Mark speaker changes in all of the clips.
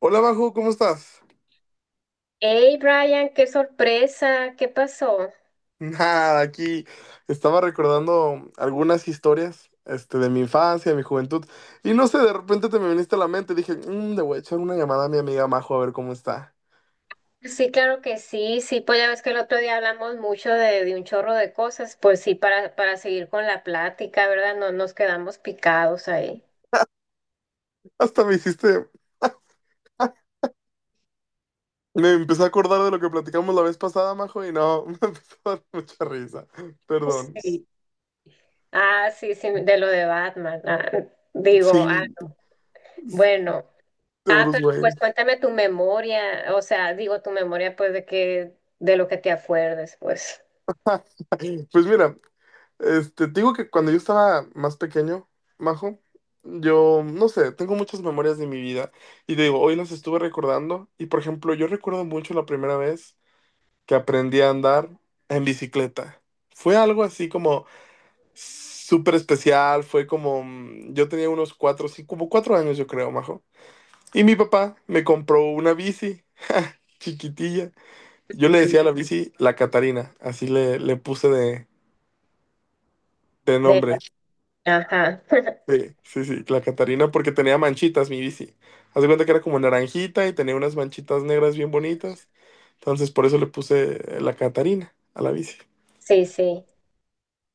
Speaker 1: Hola, Bajo, ¿cómo estás?
Speaker 2: Hey Brian, qué sorpresa, ¿qué pasó?
Speaker 1: Nada, aquí estaba recordando algunas historias, de mi infancia, de mi juventud, y no sé, de repente te me viniste a la mente, dije, le voy a echar una llamada a mi amiga Majo a ver cómo está".
Speaker 2: Sí, claro que sí, sí, pues ya ves que el otro día hablamos mucho de un chorro de cosas, pues sí, para seguir con la plática, ¿verdad? No nos quedamos picados ahí.
Speaker 1: Hasta me hiciste, me empecé a acordar de lo que platicamos la vez pasada, Majo, y no, me empezó a dar mucha risa. Perdón.
Speaker 2: Sí. Ah, sí, sí, de lo de Batman. Digo,
Speaker 1: Sí,
Speaker 2: bueno,
Speaker 1: de Bruce
Speaker 2: pero pues
Speaker 1: Wayne.
Speaker 2: cuéntame tu memoria, o sea, digo tu memoria, pues de que, de lo que te acuerdes, pues.
Speaker 1: Pues mira, te digo que cuando yo estaba más pequeño, Majo, yo, no sé, tengo muchas memorias de mi vida y te digo, hoy las estuve recordando y, por ejemplo, yo recuerdo mucho la primera vez que aprendí a andar en bicicleta. Fue algo así como súper especial, fue como, yo tenía unos cuatro, sí, como 4 años yo creo, Majo. Y mi papá me compró una bici chiquitilla. Yo le
Speaker 2: Ujú.
Speaker 1: decía a la bici la Catarina, así le puse de
Speaker 2: De,
Speaker 1: nombre.
Speaker 2: ajá,
Speaker 1: Sí, sí, sí, la Catarina porque tenía manchitas mi bici. Haz de cuenta que era como naranjita y tenía unas manchitas negras bien bonitas. Entonces por eso le puse la Catarina a la bici.
Speaker 2: sí, sí.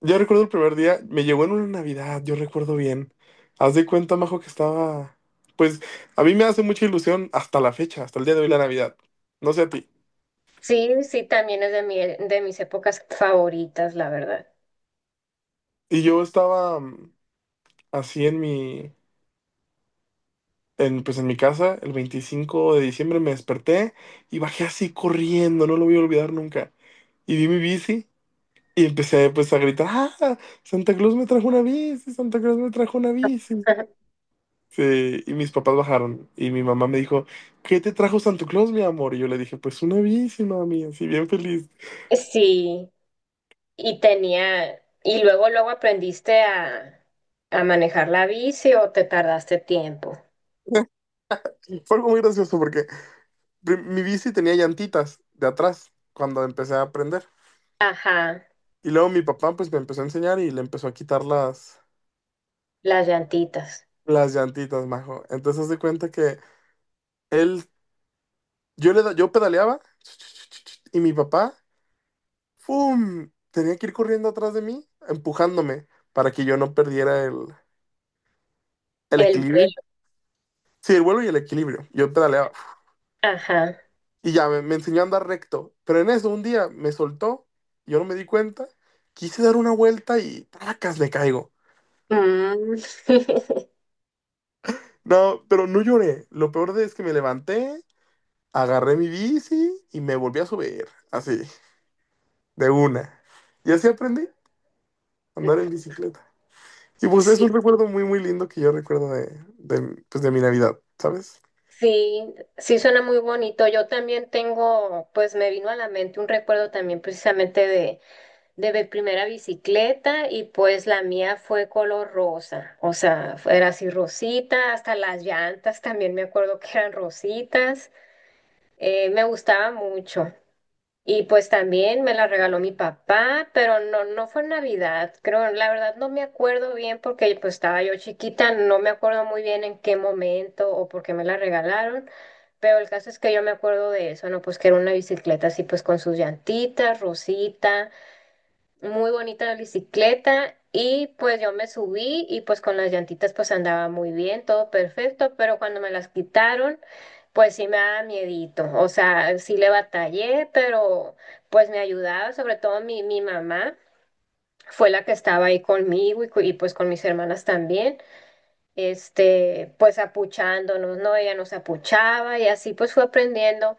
Speaker 1: Yo recuerdo el primer día, me llegó en una Navidad, yo recuerdo bien. Haz de cuenta, Majo, que estaba... Pues a mí me hace mucha ilusión hasta la fecha, hasta el día de hoy la Navidad. No sé a ti.
Speaker 2: Sí, sí, también es de mis épocas favoritas, la verdad.
Speaker 1: Y yo estaba así en mi... En, pues en mi casa, el 25 de diciembre me desperté y bajé así corriendo, no lo voy a olvidar nunca. Y vi mi bici y empecé pues a gritar, "¡Ah! Santa Claus me trajo una bici, Santa Claus me trajo una bici".
Speaker 2: Ajá.
Speaker 1: Sí, y mis papás bajaron y mi mamá me dijo, "¿Qué te trajo Santa Claus, mi amor?". Y yo le dije, pues una bici, mami, así bien feliz.
Speaker 2: Sí, y tenía, y luego, luego aprendiste a manejar la bici o te tardaste tiempo.
Speaker 1: Fue algo muy gracioso porque mi bici tenía llantitas de atrás cuando empecé a aprender.
Speaker 2: Ajá,
Speaker 1: Y luego mi papá pues me empezó a enseñar y le empezó a quitar
Speaker 2: las llantitas,
Speaker 1: las llantitas, majo. Entonces haz de cuenta que él, yo pedaleaba y mi papá ¡fum! Tenía que ir corriendo atrás de mí, empujándome, para que yo no perdiera el
Speaker 2: el
Speaker 1: equilibrio.
Speaker 2: vuelo,
Speaker 1: Sí, el vuelo y el equilibrio. Yo pedaleaba.
Speaker 2: ajá.
Speaker 1: Y ya me enseñó a andar recto. Pero en eso un día me soltó, yo no me di cuenta, quise dar una vuelta y ¡placas! Le caigo.
Speaker 2: Mm.
Speaker 1: No, pero no lloré. Lo peor de es que me levanté, agarré mi bici y me volví a subir. Así, de una. Y así aprendí a andar en bicicleta. Y pues es
Speaker 2: Sí,
Speaker 1: un recuerdo muy, muy lindo que yo recuerdo de, pues, de mi Navidad, ¿sabes?
Speaker 2: sí, sí suena muy bonito. Yo también tengo, pues me vino a la mente un recuerdo también precisamente de mi primera bicicleta. Y pues la mía fue color rosa, o sea, era así rosita, hasta las llantas también me acuerdo que eran rositas, me gustaba mucho. Y pues también me la regaló mi papá, pero no, no fue en Navidad, creo, la verdad no me acuerdo bien porque pues estaba yo chiquita, no me acuerdo muy bien en qué momento o por qué me la regalaron, pero el caso es que yo me acuerdo de eso, ¿no? Pues que era una bicicleta así pues con sus llantitas, rosita, muy bonita la bicicleta. Y pues yo me subí y pues con las llantitas pues andaba muy bien, todo perfecto, pero cuando me las quitaron pues sí me daba miedito, o sea, sí le batallé, pero pues me ayudaba, sobre todo mi mamá fue la que estaba ahí conmigo y, y, pues con mis hermanas también. Este, pues apuchándonos, ¿no? Ella nos apuchaba y así pues fue aprendiendo.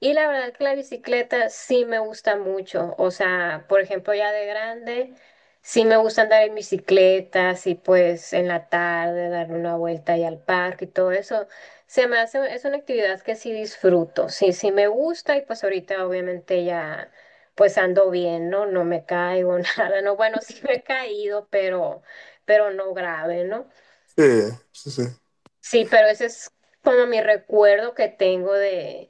Speaker 2: Y la verdad que la bicicleta sí me gusta mucho. O sea, por ejemplo, ya de grande, sí me gusta andar en bicicleta, así pues en la tarde, darle una vuelta ahí al parque y todo eso. Se me hace, es una actividad que sí disfruto. Sí, sí me gusta y pues ahorita obviamente ya pues ando bien, ¿no? No me caigo, nada, ¿no? Bueno, sí me he caído, pero no grave, ¿no?
Speaker 1: Sí, sí, sí.
Speaker 2: Sí, pero ese es como mi recuerdo que tengo de,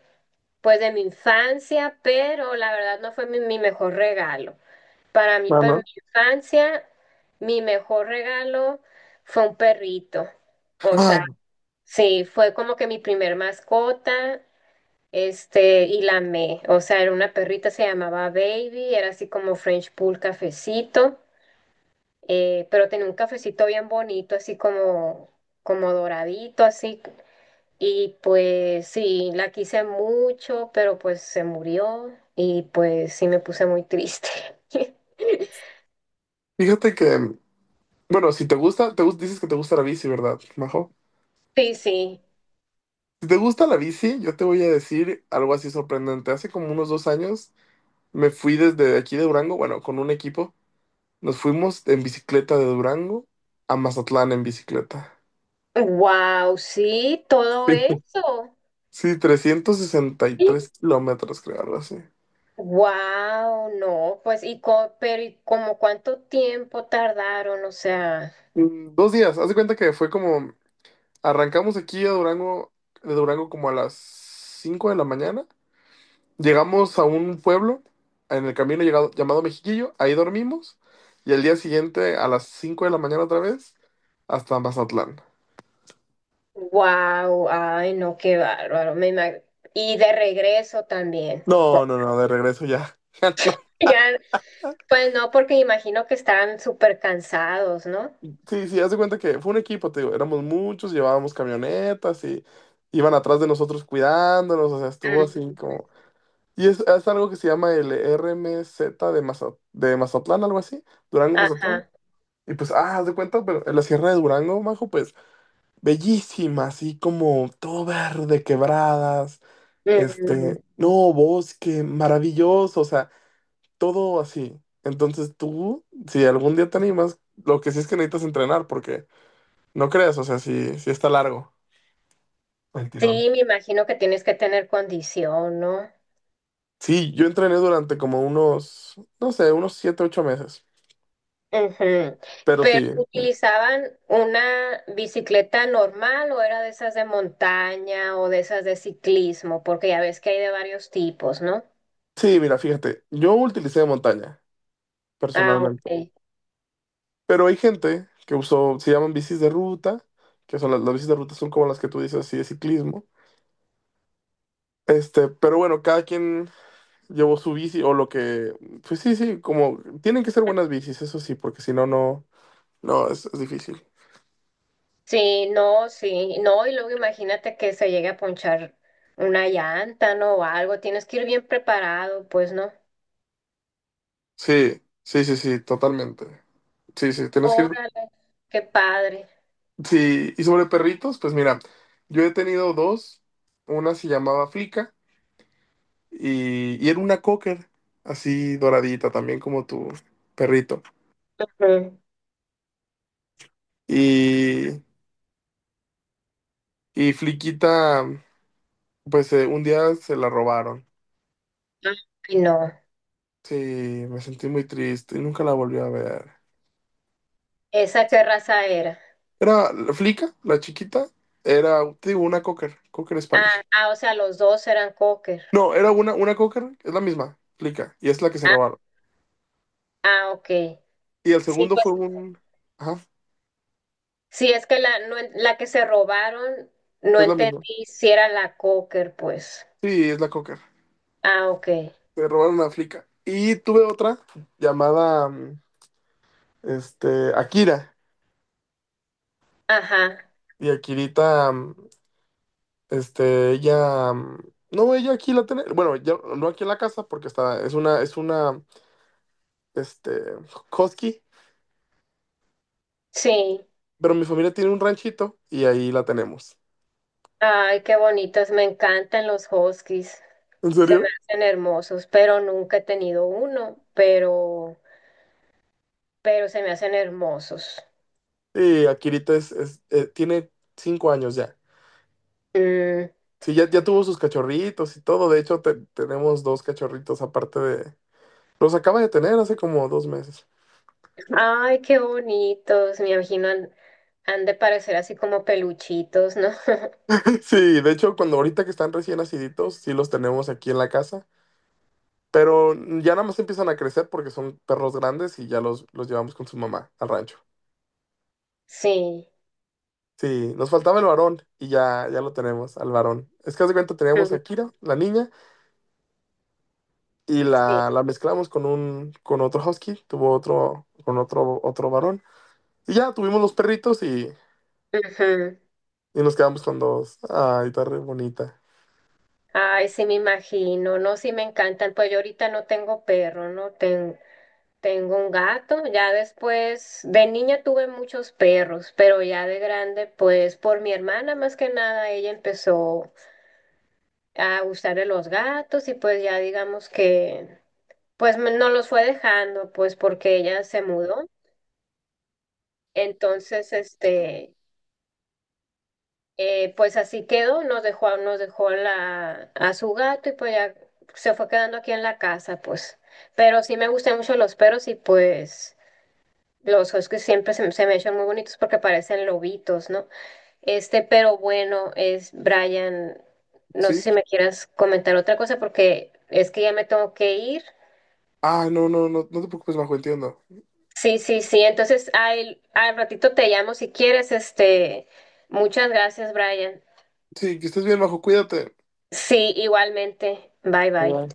Speaker 2: pues de mi infancia, pero la verdad no fue mi mejor regalo. Para mí, para mi
Speaker 1: Mano.
Speaker 2: infancia, mi mejor regalo fue un perrito. O sea,
Speaker 1: Mano,
Speaker 2: sí, fue como que mi primer mascota, este, y la amé. O sea, era una perrita, se llamaba Baby, era así como French Pool cafecito, pero tenía un cafecito bien bonito, así como, como doradito, así. Y pues sí, la quise mucho, pero pues se murió y pues sí me puse muy triste.
Speaker 1: fíjate que, bueno, si te gusta, dices que te gusta la bici, ¿verdad, Majo?
Speaker 2: Sí, sí.
Speaker 1: Si te gusta la bici, yo te voy a decir algo así sorprendente. Hace como unos 2 años me fui desde aquí de Durango, bueno, con un equipo. Nos fuimos en bicicleta de Durango a Mazatlán en bicicleta.
Speaker 2: Wow, sí, todo eso.
Speaker 1: Sí, 363 kilómetros, creo, algo así.
Speaker 2: Wow, no, pues y pero y como cuánto tiempo tardaron, o sea.
Speaker 1: 2 días, haz de cuenta que fue como, arrancamos aquí a Durango, de Durango como a las 5 de la mañana. Llegamos a un pueblo en el camino llamado Mexiquillo, ahí dormimos y el día siguiente a las 5 de la mañana otra vez hasta Mazatlán.
Speaker 2: Wow, ay, no, qué bárbaro. ¿Y de regreso también?
Speaker 1: No, no, no, de regreso ya. Ya no.
Speaker 2: Ya, pues no, porque imagino que están súper cansados, ¿no?
Speaker 1: Sí, sí, haz de cuenta que fue un equipo, te digo, éramos muchos, llevábamos camionetas y iban atrás de nosotros cuidándonos, o sea, estuvo
Speaker 2: Mm.
Speaker 1: así como... Y es algo que se llama el RMZ de, de Mazatlán, algo así, Durango, Mazatlán.
Speaker 2: Ajá.
Speaker 1: Y pues, haz de cuenta, pero en la Sierra de Durango, Majo, pues. Bellísima, así como todo verde, quebradas,
Speaker 2: Mm.
Speaker 1: no, bosque, maravilloso, o sea, todo así. Entonces tú, si algún día te animas, lo que sí es que necesitas entrenar, porque no creas, o sea, sí, sí está largo el tirón.
Speaker 2: Sí, me imagino que tienes que tener condición, ¿no?
Speaker 1: Sí, yo entrené durante como unos, no sé, unos 7, 8 meses,
Speaker 2: Ujú.
Speaker 1: pero
Speaker 2: Pero
Speaker 1: sí,
Speaker 2: ¿utilizaban una bicicleta normal o era de esas de montaña o de esas de ciclismo? Porque ya ves que hay de varios tipos, ¿no?
Speaker 1: sí, mira, fíjate, yo utilicé montaña,
Speaker 2: Ah,
Speaker 1: personalmente.
Speaker 2: ok.
Speaker 1: Pero hay gente que usó, se llaman bicis de ruta, que son las bicis de ruta son como las que tú dices así de ciclismo. Pero bueno, cada quien llevó su bici o lo que, pues sí, sí, como tienen que ser buenas bicis, eso sí, porque si no, no, no, es difícil.
Speaker 2: Sí, no, sí, no, y luego imagínate que se llegue a ponchar una llanta, ¿no? O algo, tienes que ir bien preparado, pues, ¿no?
Speaker 1: Sí, sí, sí, sí, totalmente. Sí, sí, tienes que ir.
Speaker 2: Órale, qué padre.
Speaker 1: Sí, y sobre perritos, pues mira, yo he tenido dos, una se llamaba Flica y era una cocker, así doradita, también como tu perrito.
Speaker 2: Ujú.
Speaker 1: Y Fliquita, pues un día se la robaron.
Speaker 2: Ay, no.
Speaker 1: Sí, me sentí muy triste y nunca la volví a ver.
Speaker 2: ¿Esa qué raza era?
Speaker 1: Era Flica, la chiquita, era, te digo, una cocker, cocker
Speaker 2: Ah,
Speaker 1: Spanish.
Speaker 2: ah, o sea, los dos eran cocker.
Speaker 1: No, era una cocker, es la misma, Flica, y es la que se
Speaker 2: Ah,
Speaker 1: robaron.
Speaker 2: ah, ok.
Speaker 1: Y el
Speaker 2: Sí,
Speaker 1: segundo fue
Speaker 2: pues,
Speaker 1: un... Ajá,
Speaker 2: sí, es que no en- la que se robaron, no
Speaker 1: es la misma.
Speaker 2: entendí si era la cocker, pues.
Speaker 1: Sí, es la cocker.
Speaker 2: Ah, ok.
Speaker 1: Se robaron a Flica. Y tuve otra llamada, Akira.
Speaker 2: Ajá,
Speaker 1: Y Akirita, ella, no, ella aquí la tiene, bueno, ya no aquí en la casa porque está, es una, este, husky,
Speaker 2: sí.
Speaker 1: pero mi familia tiene un ranchito y ahí la tenemos.
Speaker 2: Ay, qué bonitos. Me encantan los huskies.
Speaker 1: ¿En
Speaker 2: Se me
Speaker 1: serio?
Speaker 2: hacen hermosos, pero nunca he tenido uno, pero se me hacen hermosos.
Speaker 1: Y Akirita tiene 5 años ya.
Speaker 2: Mm.
Speaker 1: Sí, ya, ya tuvo sus cachorritos y todo, de hecho tenemos dos cachorritos aparte de, los acaba de tener hace como 2 meses.
Speaker 2: Ay, qué bonitos, me imagino han de parecer así como peluchitos, ¿no?
Speaker 1: Sí, de hecho cuando ahorita que están recién naciditos, sí los tenemos aquí en la casa. Pero ya nada más empiezan a crecer porque son perros grandes y ya los llevamos con su mamá al rancho.
Speaker 2: Sí,
Speaker 1: Sí, nos faltaba el varón y ya, ya lo tenemos, al varón. Es que haz de cuenta teníamos
Speaker 2: mm,
Speaker 1: a Kira, la niña, y
Speaker 2: sí.
Speaker 1: la mezclamos con un, con otro husky, tuvo otro, con otro, otro varón. Y ya tuvimos los perritos
Speaker 2: Ujú.
Speaker 1: y nos quedamos con dos. Ay, está re bonita.
Speaker 2: Ay, sí, me imagino, no, sí me encantan. Pues yo ahorita no tengo perro, ¿no? Tengo un gato. Ya después, de niña tuve muchos perros, pero ya de grande, pues por mi hermana más que nada, ella empezó a gustarle los gatos y pues ya digamos que, pues no los fue dejando, pues porque ella se mudó. Entonces, este, pues así quedó, nos dejó, a su gato y pues ya se fue quedando aquí en la casa, pues. Pero sí me gustan mucho los perros y pues los huskies siempre me se me echan muy bonitos porque parecen lobitos, ¿no? Este, pero bueno, es Brian, no sé
Speaker 1: Sí.
Speaker 2: si me quieras comentar otra cosa porque es que ya me tengo que ir.
Speaker 1: Ah, no, no, no, no te preocupes, Majo, entiendo.
Speaker 2: Sí, sí, sí, entonces al ratito te llamo si quieres, este, muchas gracias, Brian.
Speaker 1: Sí, que estés bien, Majo, cuídate.
Speaker 2: Sí, igualmente. Bye bye.
Speaker 1: Bye.